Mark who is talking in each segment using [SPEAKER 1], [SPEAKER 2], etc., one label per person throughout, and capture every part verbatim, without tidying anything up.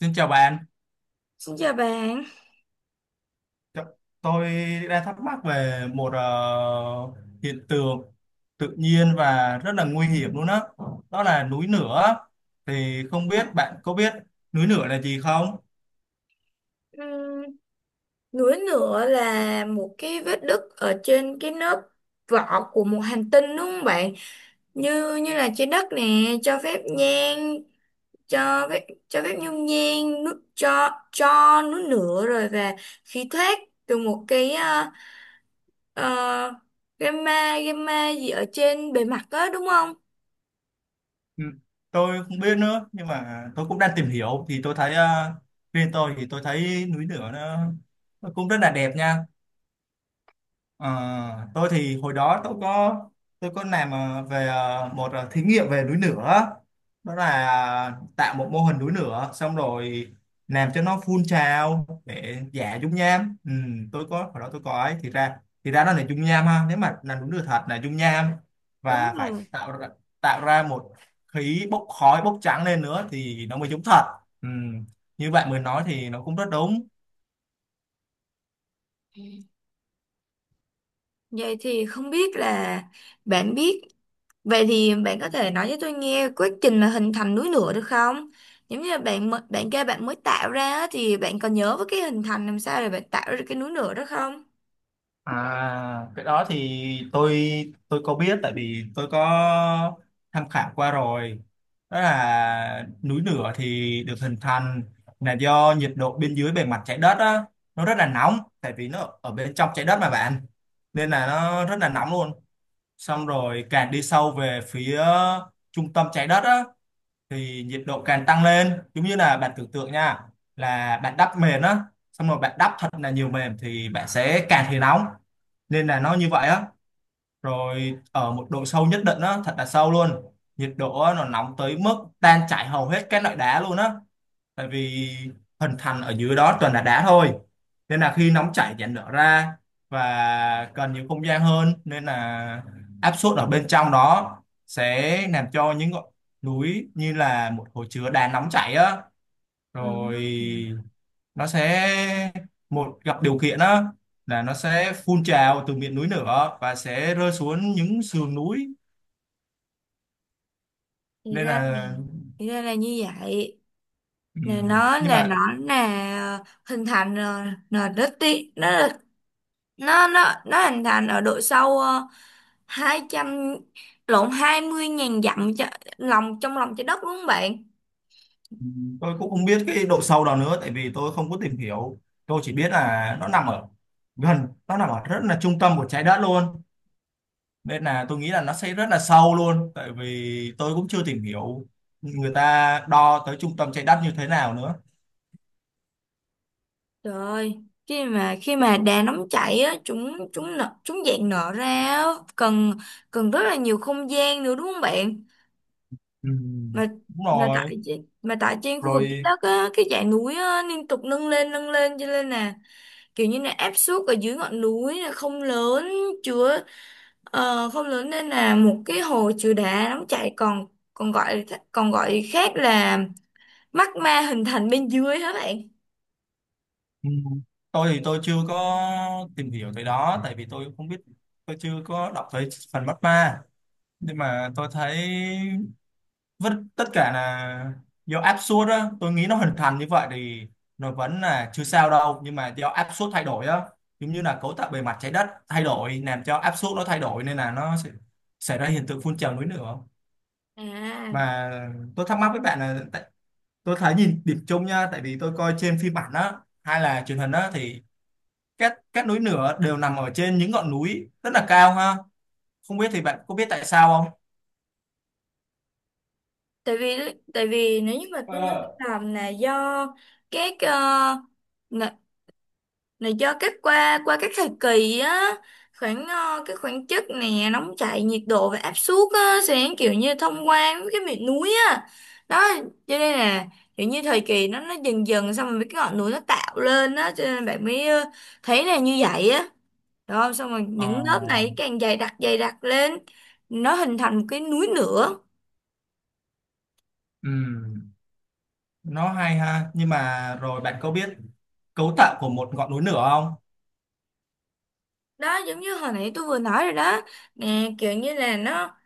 [SPEAKER 1] Xin chào bạn.
[SPEAKER 2] Xin chào bạn.
[SPEAKER 1] T- Tôi đang thắc mắc về một ờ, hiện tượng tự nhiên và rất là nguy hiểm luôn á. Đó. Đó là núi lửa. Thì không biết bạn có biết núi lửa là gì không?
[SPEAKER 2] Ừm, Núi lửa là một cái vết nứt ở trên cái lớp vỏ của một hành tinh, đúng không bạn? Như như là trái đất nè, cho phép nhang, cho phép cho phép nhung nhang, nước cho cho núi lửa rồi và khí thoát từ một cái ờ, ờ, gamma gamma gì ở trên bề mặt đó, đúng không?
[SPEAKER 1] Ừ, tôi không biết nữa, nhưng mà tôi cũng đang tìm hiểu thì tôi thấy ờ, riêng tôi thì tôi thấy núi lửa nó, nó cũng rất là đẹp nha. Ờ, tôi thì hồi đó tôi có tôi có làm ờ, về ờ, một ờ, thí nghiệm về núi lửa. Đó là ờ, tạo một mô hình núi lửa, xong rồi làm cho nó phun trào để giả dung nham. ừ, tôi có hồi đó tôi có ấy thì ra, thì ra nó là dung nham ha. Nếu mà là núi lửa thật là dung nham
[SPEAKER 2] Đúng
[SPEAKER 1] và phải
[SPEAKER 2] rồi.
[SPEAKER 1] tạo ra, tạo ra một khí bốc khói bốc trắng lên nữa thì nó mới giống thật. ừ. Như bạn mới nói thì nó cũng rất đúng.
[SPEAKER 2] Vậy thì không biết là bạn biết Vậy thì bạn có thể nói cho tôi nghe quá trình là hình thành núi lửa được không? Giống như là bạn mới- bạn kêu bạn mới tạo ra á, thì bạn còn nhớ với cái hình thành làm sao để bạn tạo ra cái núi lửa đó không?
[SPEAKER 1] À, cái đó thì tôi tôi có biết tại vì tôi có tham khảo qua rồi. Đó là núi lửa thì được hình thành là do nhiệt độ bên dưới bề mặt trái đất á, nó rất là nóng tại vì nó ở bên trong trái đất mà bạn. Nên là nó rất là nóng luôn. Xong rồi càng đi sâu về phía trung tâm trái đất á thì nhiệt độ càng tăng lên, giống như là bạn tưởng tượng nha, là bạn đắp mền á, xong rồi bạn đắp thật là nhiều mền thì bạn sẽ càng thấy nóng, nên là nó như vậy á. Rồi ở một độ sâu nhất định á, thật là sâu luôn, nhiệt độ á, nó nóng tới mức tan chảy hầu hết các loại đá luôn á, tại vì hình thành ở dưới đó toàn là đá thôi. Nên là khi nóng chảy dạn nở ra và cần nhiều không gian hơn, nên là áp suất ở bên trong đó sẽ làm cho những ngọn núi như là một hồ chứa đá nóng chảy á.
[SPEAKER 2] Ừ.
[SPEAKER 1] Rồi nó sẽ một gặp điều kiện á là nó sẽ phun trào từ miệng núi lửa và sẽ rơi xuống những sườn núi,
[SPEAKER 2] Thì
[SPEAKER 1] nên
[SPEAKER 2] ra,
[SPEAKER 1] là.
[SPEAKER 2] thì ra là như vậy.
[SPEAKER 1] Ừ.
[SPEAKER 2] Là nó
[SPEAKER 1] Nhưng
[SPEAKER 2] là nó
[SPEAKER 1] mà
[SPEAKER 2] là hình thành ờ, là đất đi nó là- nó nó nó hình thành ở độ sâu ờ, hai trăm lộn hai mươi ngàn dặm, cho, lòng trong lòng trái đất, đúng không bạn?
[SPEAKER 1] tôi cũng không biết cái độ sâu đó nữa tại vì tôi không có tìm hiểu. Tôi chỉ biết là nó nằm ở gần, nó nằm ở rất là trung tâm của trái đất luôn, nên là tôi nghĩ là nó sẽ rất là sâu luôn, tại vì tôi cũng chưa tìm hiểu người ta đo tới trung tâm trái đất như thế nào nữa.
[SPEAKER 2] Trời ơi, khi mà khi mà đà nóng chảy á, chúng chúng nở, chúng dạng nở ra á, cần cần rất là nhiều không gian nữa, đúng không bạn?
[SPEAKER 1] Ừ.
[SPEAKER 2] Mà
[SPEAKER 1] Đúng
[SPEAKER 2] mà
[SPEAKER 1] rồi.
[SPEAKER 2] tại trên- mà tại trên khu vực trái
[SPEAKER 1] Rồi.
[SPEAKER 2] đất á, cái dãy núi á liên tục nâng lên nâng lên, cho nên là kiểu như là áp suất ở dưới ngọn núi là không lớn, chứa ờ, không lớn, nên là một cái hồ chứa đá nóng chảy, còn còn gọi còn gọi khác là magma, hình thành bên dưới, hả bạn?
[SPEAKER 1] Ừ. Tôi thì tôi chưa có tìm hiểu tới đó tại vì tôi không biết, tôi chưa có đọc tới phần bắt ma. Nhưng mà tôi thấy vẫn tất cả là do áp suất á, tôi nghĩ nó hình thành như vậy thì nó vẫn là chưa sao đâu. Nhưng mà do áp suất thay đổi á, giống như là cấu tạo bề mặt trái đất thay đổi làm cho áp suất nó thay đổi, nên là nó sẽ xảy ra hiện tượng phun trào núi lửa.
[SPEAKER 2] À,
[SPEAKER 1] Mà tôi thắc mắc với bạn là tại, tôi thấy nhìn điểm chung nha, tại vì tôi coi trên phim ảnh á hay là truyền hình á, thì các các núi lửa đều nằm ở trên những ngọn núi rất là cao ha. Không biết thì bạn có biết tại sao không?
[SPEAKER 2] tại vì tại vì nếu như mà tôi nói,
[SPEAKER 1] Ờ.
[SPEAKER 2] làm là do các ờ, là, là do các qua qua các thời kỳ á, khoảng ờ, cái khoảng chất nè, nóng chảy, nhiệt độ và áp suất á, sẽ kiểu như thông qua với cái miệng núi á. Đó, cho nên là kiểu như thời kỳ, nó nó dần dần, xong rồi mấy cái ngọn núi nó tạo lên á, cho nên bạn mới ờ, thấy là như vậy á. Đó, xong rồi
[SPEAKER 1] Ờ.
[SPEAKER 2] những lớp này càng dày đặc dày đặc lên, nó hình thành một cái núi nữa.
[SPEAKER 1] Ừ. Nó hay ha. Nhưng mà rồi bạn có biết cấu tạo của một ngọn núi lửa không?
[SPEAKER 2] Đó, giống như hồi nãy tôi vừa nói rồi đó nè, kiểu như là nó,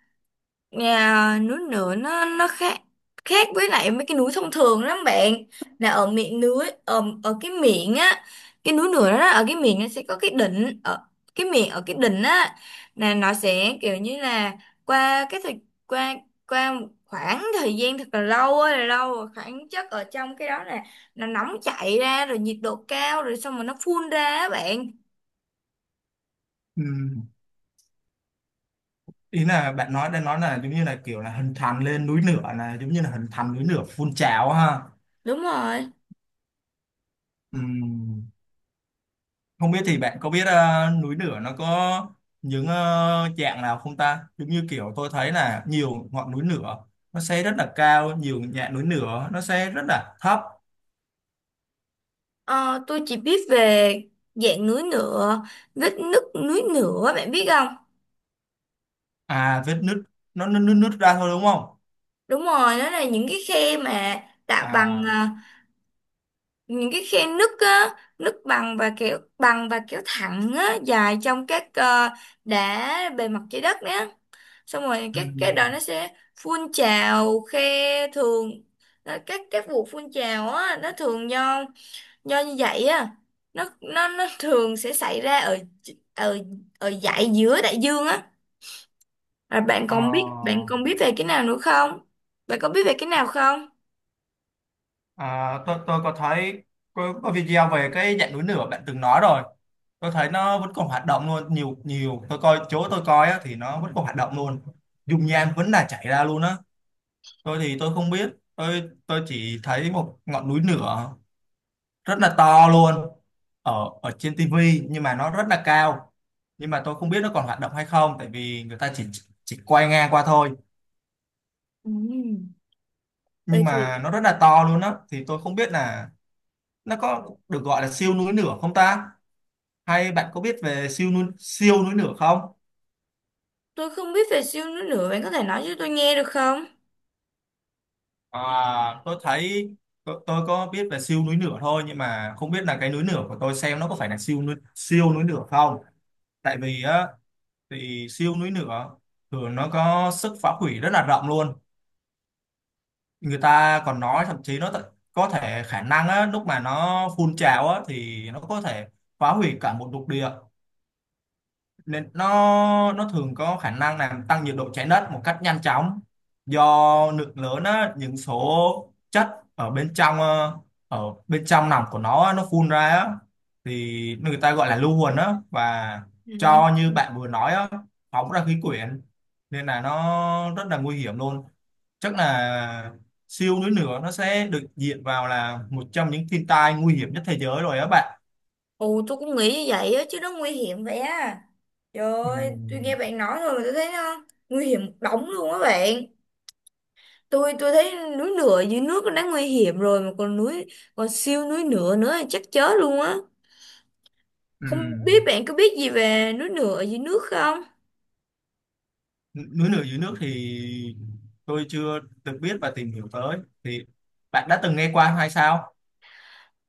[SPEAKER 2] nhà núi lửa nó nó khác khác với lại mấy cái núi thông thường lắm bạn. Là ở miệng núi, ở, ở cái miệng á, cái núi lửa đó, ở cái miệng nó sẽ có cái đỉnh, ở cái miệng, ở cái đỉnh á, là nó sẽ kiểu như là, qua cái thời qua qua một khoảng thời gian thật là lâu á, là lâu rồi, khoảng chất ở trong cái đó là nó nóng chảy ra rồi, nhiệt độ cao rồi, xong rồi nó phun ra á bạn.
[SPEAKER 1] Ừm, ý là bạn nói đang nói là giống như là kiểu là hình thành lên núi lửa là giống như là hình thành núi lửa phun trào ha.
[SPEAKER 2] Đúng rồi.
[SPEAKER 1] Ừm, không biết thì bạn có biết ờ, núi lửa nó có những ờ, dạng nào không ta, giống như kiểu tôi thấy là nhiều ngọn núi lửa nó sẽ rất là cao, nhiều dạng núi lửa nó sẽ rất là thấp.
[SPEAKER 2] Ờ, tôi chỉ biết về dạng núi lửa vết nứt, núi lửa, bạn biết không?
[SPEAKER 1] À, vết nứt, nó nứt nứt nứt ra thôi đúng không?
[SPEAKER 2] Đúng rồi, đó là những cái khe mà tạo bằng
[SPEAKER 1] À.
[SPEAKER 2] à, những cái khe nứt á, nứt bằng và kéo bằng và kéo thẳng á, dài trong các ờ, đá bề mặt trái đất á. Xong rồi các cái đó nó
[SPEAKER 1] ừm,
[SPEAKER 2] sẽ phun trào khe thường, ờ, các các vụ phun trào á, nó thường do do như vậy á, nó nó nó thường sẽ xảy ra ở, ở ở dải giữa đại dương á. Và bạn
[SPEAKER 1] ờ,
[SPEAKER 2] còn biết bạn còn biết về cái nào nữa không, bạn có biết về cái nào không?
[SPEAKER 1] À, tôi tôi có thấy có, có video về cái dạng núi lửa bạn từng nói rồi. Tôi thấy nó vẫn còn hoạt động luôn, nhiều nhiều. Tôi coi chỗ tôi coi á, thì nó vẫn còn hoạt động luôn. Dung nham vẫn là chảy ra luôn á. Tôi thì tôi không biết. Tôi tôi chỉ thấy một ngọn núi lửa rất là to luôn ở ở trên tivi nhưng mà nó rất là cao. Nhưng mà tôi không biết nó còn hoạt động hay không tại vì người ta chỉ chỉ quay ngang qua thôi.
[SPEAKER 2] Ừ. Vậy
[SPEAKER 1] Nhưng mà
[SPEAKER 2] thì
[SPEAKER 1] nó rất là to luôn á, thì tôi không biết là nó có được gọi là siêu núi lửa không ta? Hay bạn có biết về siêu núi, siêu núi lửa không?
[SPEAKER 2] tôi không biết về siêu nữa nữa, bạn có thể nói cho tôi nghe được không?
[SPEAKER 1] À, tôi thấy tôi, tôi có biết về siêu núi lửa thôi, nhưng mà không biết là cái núi lửa của tôi xem nó có phải là siêu núi siêu núi lửa không? Tại vì á thì siêu núi lửa thường nó có sức phá hủy rất là rộng luôn. Người ta còn nói thậm chí nó th- có thể khả năng á lúc mà nó phun trào á thì nó có thể phá hủy cả một lục địa. Nên nó nó thường có khả năng làm tăng nhiệt độ trái đất một cách nhanh chóng, do lượng lớn á, những số chất ở bên trong ờ, ở bên trong nòng của nó á, nó phun ra á, thì người ta gọi là lưu huỳnh á, và cho
[SPEAKER 2] À.
[SPEAKER 1] như bạn vừa nói á, phóng ra khí quyển, nên là nó rất là nguy hiểm luôn. Chắc là siêu núi lửa nó sẽ được diện vào là một trong những thiên tai nguy hiểm nhất thế giới rồi á bạn.
[SPEAKER 2] Ồ, tôi cũng nghĩ như vậy á, chứ nó nguy hiểm vậy á. Trời ơi, tôi
[SPEAKER 1] Ừm.
[SPEAKER 2] nghe bạn nói rồi mà tôi thấy nó nguy hiểm đóng luôn á bạn. Tôi tôi thấy núi lửa dưới nước nó đã nguy hiểm rồi, mà còn núi còn siêu núi lửa nữa thì chắc chết luôn á. Không biết
[SPEAKER 1] Ừm.
[SPEAKER 2] bạn có biết gì về núi lửa dưới nước không?
[SPEAKER 1] Núi lửa dưới nước thì tôi chưa được biết và tìm hiểu tới, thì bạn đã từng nghe qua hay sao?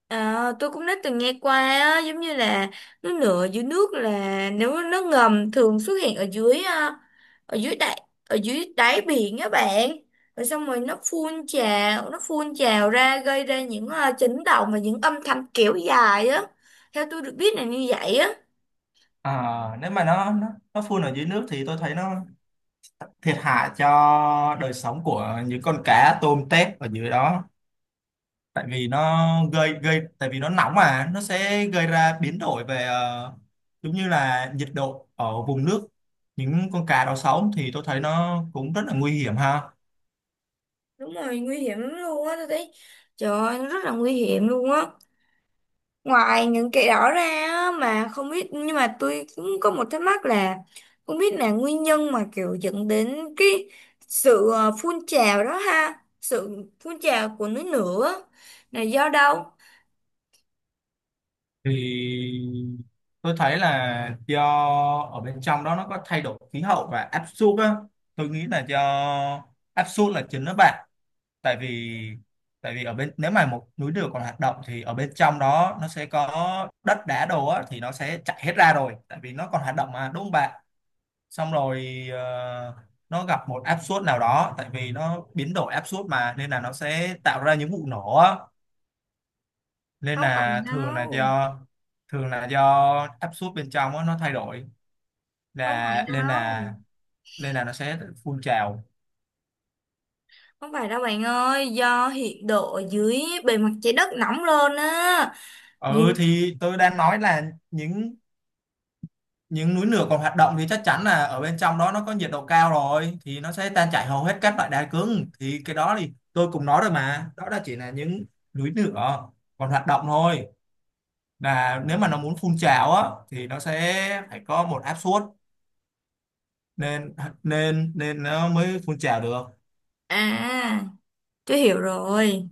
[SPEAKER 2] À, tôi cũng đã từng nghe qua á. Giống như là núi lửa dưới nước là nếu nó ngầm, thường xuất hiện ở dưới à, ở dưới đáy ở dưới đáy biển á bạn. Rồi xong rồi nó phun trào nó phun trào ra, gây ra những à, chấn động và những âm thanh kéo dài á. Theo tôi được biết là như vậy á.
[SPEAKER 1] À, nếu mà nó nó nó phun ở dưới nước thì tôi thấy nó thiệt hại cho đời sống của những con cá tôm tép ở dưới đó. Tại vì nó gây gây tại vì nó nóng mà nó sẽ gây ra biến đổi về ờ, giống như là nhiệt độ ở vùng nước những con cá đó sống, thì tôi thấy nó cũng rất là nguy hiểm ha.
[SPEAKER 2] Đúng rồi, nguy hiểm lắm luôn á, tôi thấy. Trời ơi, nó rất là nguy hiểm luôn á. Ngoài những cái đó ra á, mà không biết, nhưng mà tôi cũng có một thắc mắc là không biết là nguyên nhân mà kiểu dẫn đến cái sự ờ, phun trào đó ha, sự phun trào của núi lửa là do đâu?
[SPEAKER 1] Thì tôi thấy là do ở bên trong đó nó có thay đổi khí hậu và áp suất á, tôi nghĩ là do áp suất là chính đó bạn. Tại vì tại vì ở bên, nếu mà một núi lửa còn hoạt động thì ở bên trong đó nó sẽ có đất đá đồ á, thì nó sẽ chảy hết ra rồi, tại vì nó còn hoạt động mà, đúng không bạn? Xong rồi ờ, nó gặp một áp suất nào đó, tại vì nó biến đổi áp suất mà nên là nó sẽ tạo ra những vụ nổ á, nên
[SPEAKER 2] Không phải
[SPEAKER 1] là thường là
[SPEAKER 2] đâu,
[SPEAKER 1] do thường là do áp suất bên trong á, nó thay đổi
[SPEAKER 2] không phải
[SPEAKER 1] là, nên
[SPEAKER 2] đâu,
[SPEAKER 1] là nên là nó sẽ phun trào.
[SPEAKER 2] không phải đâu bạn ơi, do nhiệt độ ở dưới bề mặt trái đất nóng lên á. Như...
[SPEAKER 1] Ừ thì tôi đang nói là những những núi lửa còn hoạt động thì chắc chắn là ở bên trong đó nó có nhiệt độ cao rồi, thì nó sẽ tan chảy hầu hết các loại đá cứng. Thì cái đó thì tôi cũng nói rồi, mà đó là chỉ là những núi lửa còn hoạt động thôi, là nếu mà nó muốn phun trào á thì nó sẽ phải có một áp suất, nên nên nên nó mới phun trào được.
[SPEAKER 2] À, tôi hiểu rồi.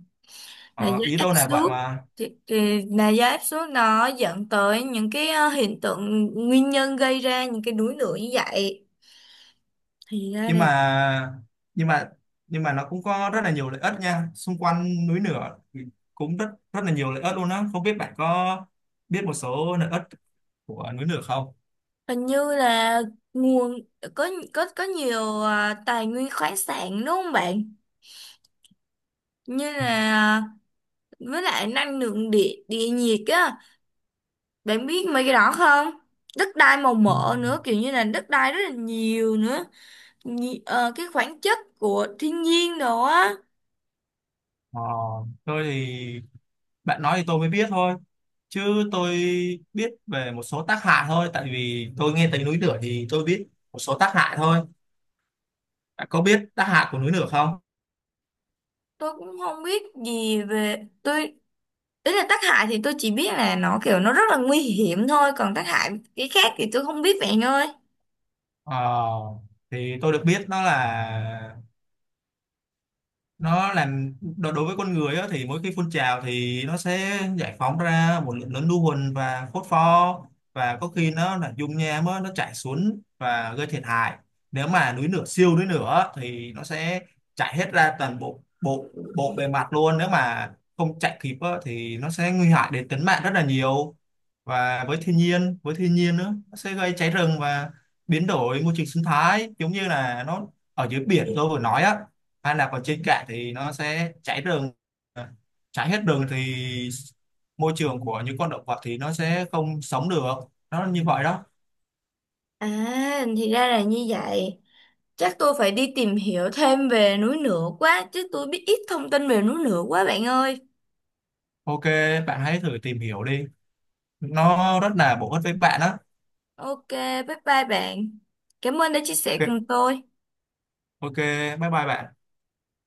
[SPEAKER 2] Là
[SPEAKER 1] Ờ,
[SPEAKER 2] do
[SPEAKER 1] ý
[SPEAKER 2] áp
[SPEAKER 1] tôi là
[SPEAKER 2] suất.
[SPEAKER 1] vậy mà.
[SPEAKER 2] thì, thì là do áp suất nó dẫn tới những cái ờ, hiện tượng, nguyên nhân gây ra những cái đuối nước như vậy. Thì ra
[SPEAKER 1] nhưng
[SPEAKER 2] là,
[SPEAKER 1] mà nhưng mà nhưng mà nó cũng có rất là nhiều lợi ích nha, xung quanh núi lửa cũng rất, rất là nhiều lợi ích luôn á. Không biết bạn có biết một số lợi ích của núi lửa không?
[SPEAKER 2] hình như là nguồn, có có có nhiều ờ, tài nguyên khoáng sản, đúng không bạn? Như là, với lại năng lượng địa địa nhiệt á, bạn biết mấy cái đó không? Đất đai màu
[SPEAKER 1] Ừ.
[SPEAKER 2] mỡ nữa, kiểu như là đất đai rất là nhiều nữa. Nhi- ờ, cái khoáng chất của thiên nhiên đồ á.
[SPEAKER 1] Ờ, tôi thì bạn nói thì tôi mới biết thôi, chứ tôi biết về một số tác hại thôi, tại vì tôi nghe tới núi lửa thì tôi biết một số tác hại thôi. Bạn có biết tác hại của núi lửa không?
[SPEAKER 2] Tôi cũng không biết gì về tôi Ý là tác hại thì tôi chỉ biết là nó kiểu nó rất là nguy hiểm thôi, còn tác hại cái khác thì tôi không biết vậy anh ơi.
[SPEAKER 1] Ờ, thì tôi được biết nó là nó làm đo- đối với con người á, thì mỗi khi phun trào thì nó sẽ giải phóng ra một lượng lớn lưu huỳnh và phốt pho. Và có khi nó là dung nham á, nó chảy xuống và gây thiệt hại. Nếu mà núi lửa siêu núi lửa thì nó sẽ chảy hết ra toàn bộ bộ bộ bề mặt luôn, nếu mà không chạy kịp á, thì nó sẽ nguy hại đến tính mạng rất là nhiều. Và với thiên nhiên, với thiên nhiên nữa, nó sẽ gây cháy rừng và biến đổi môi trường sinh thái, giống như là nó ở dưới biển tôi vừa nói á, anh đạp vào trên cạn thì nó sẽ cháy rừng. À, cháy hết rừng thì môi trường của những con động vật thì nó sẽ không sống được. Nó như vậy đó.
[SPEAKER 2] À, thì ra là như vậy. Chắc tôi phải đi tìm hiểu thêm về núi lửa quá, chứ tôi biết ít thông tin về núi lửa quá bạn ơi.
[SPEAKER 1] Ok, bạn hãy thử tìm hiểu đi, nó rất là bổ ích với bạn đó.
[SPEAKER 2] OK, bye bye bạn, cảm ơn đã chia sẻ
[SPEAKER 1] Ok,
[SPEAKER 2] cùng tôi.
[SPEAKER 1] ok, bye bye bạn.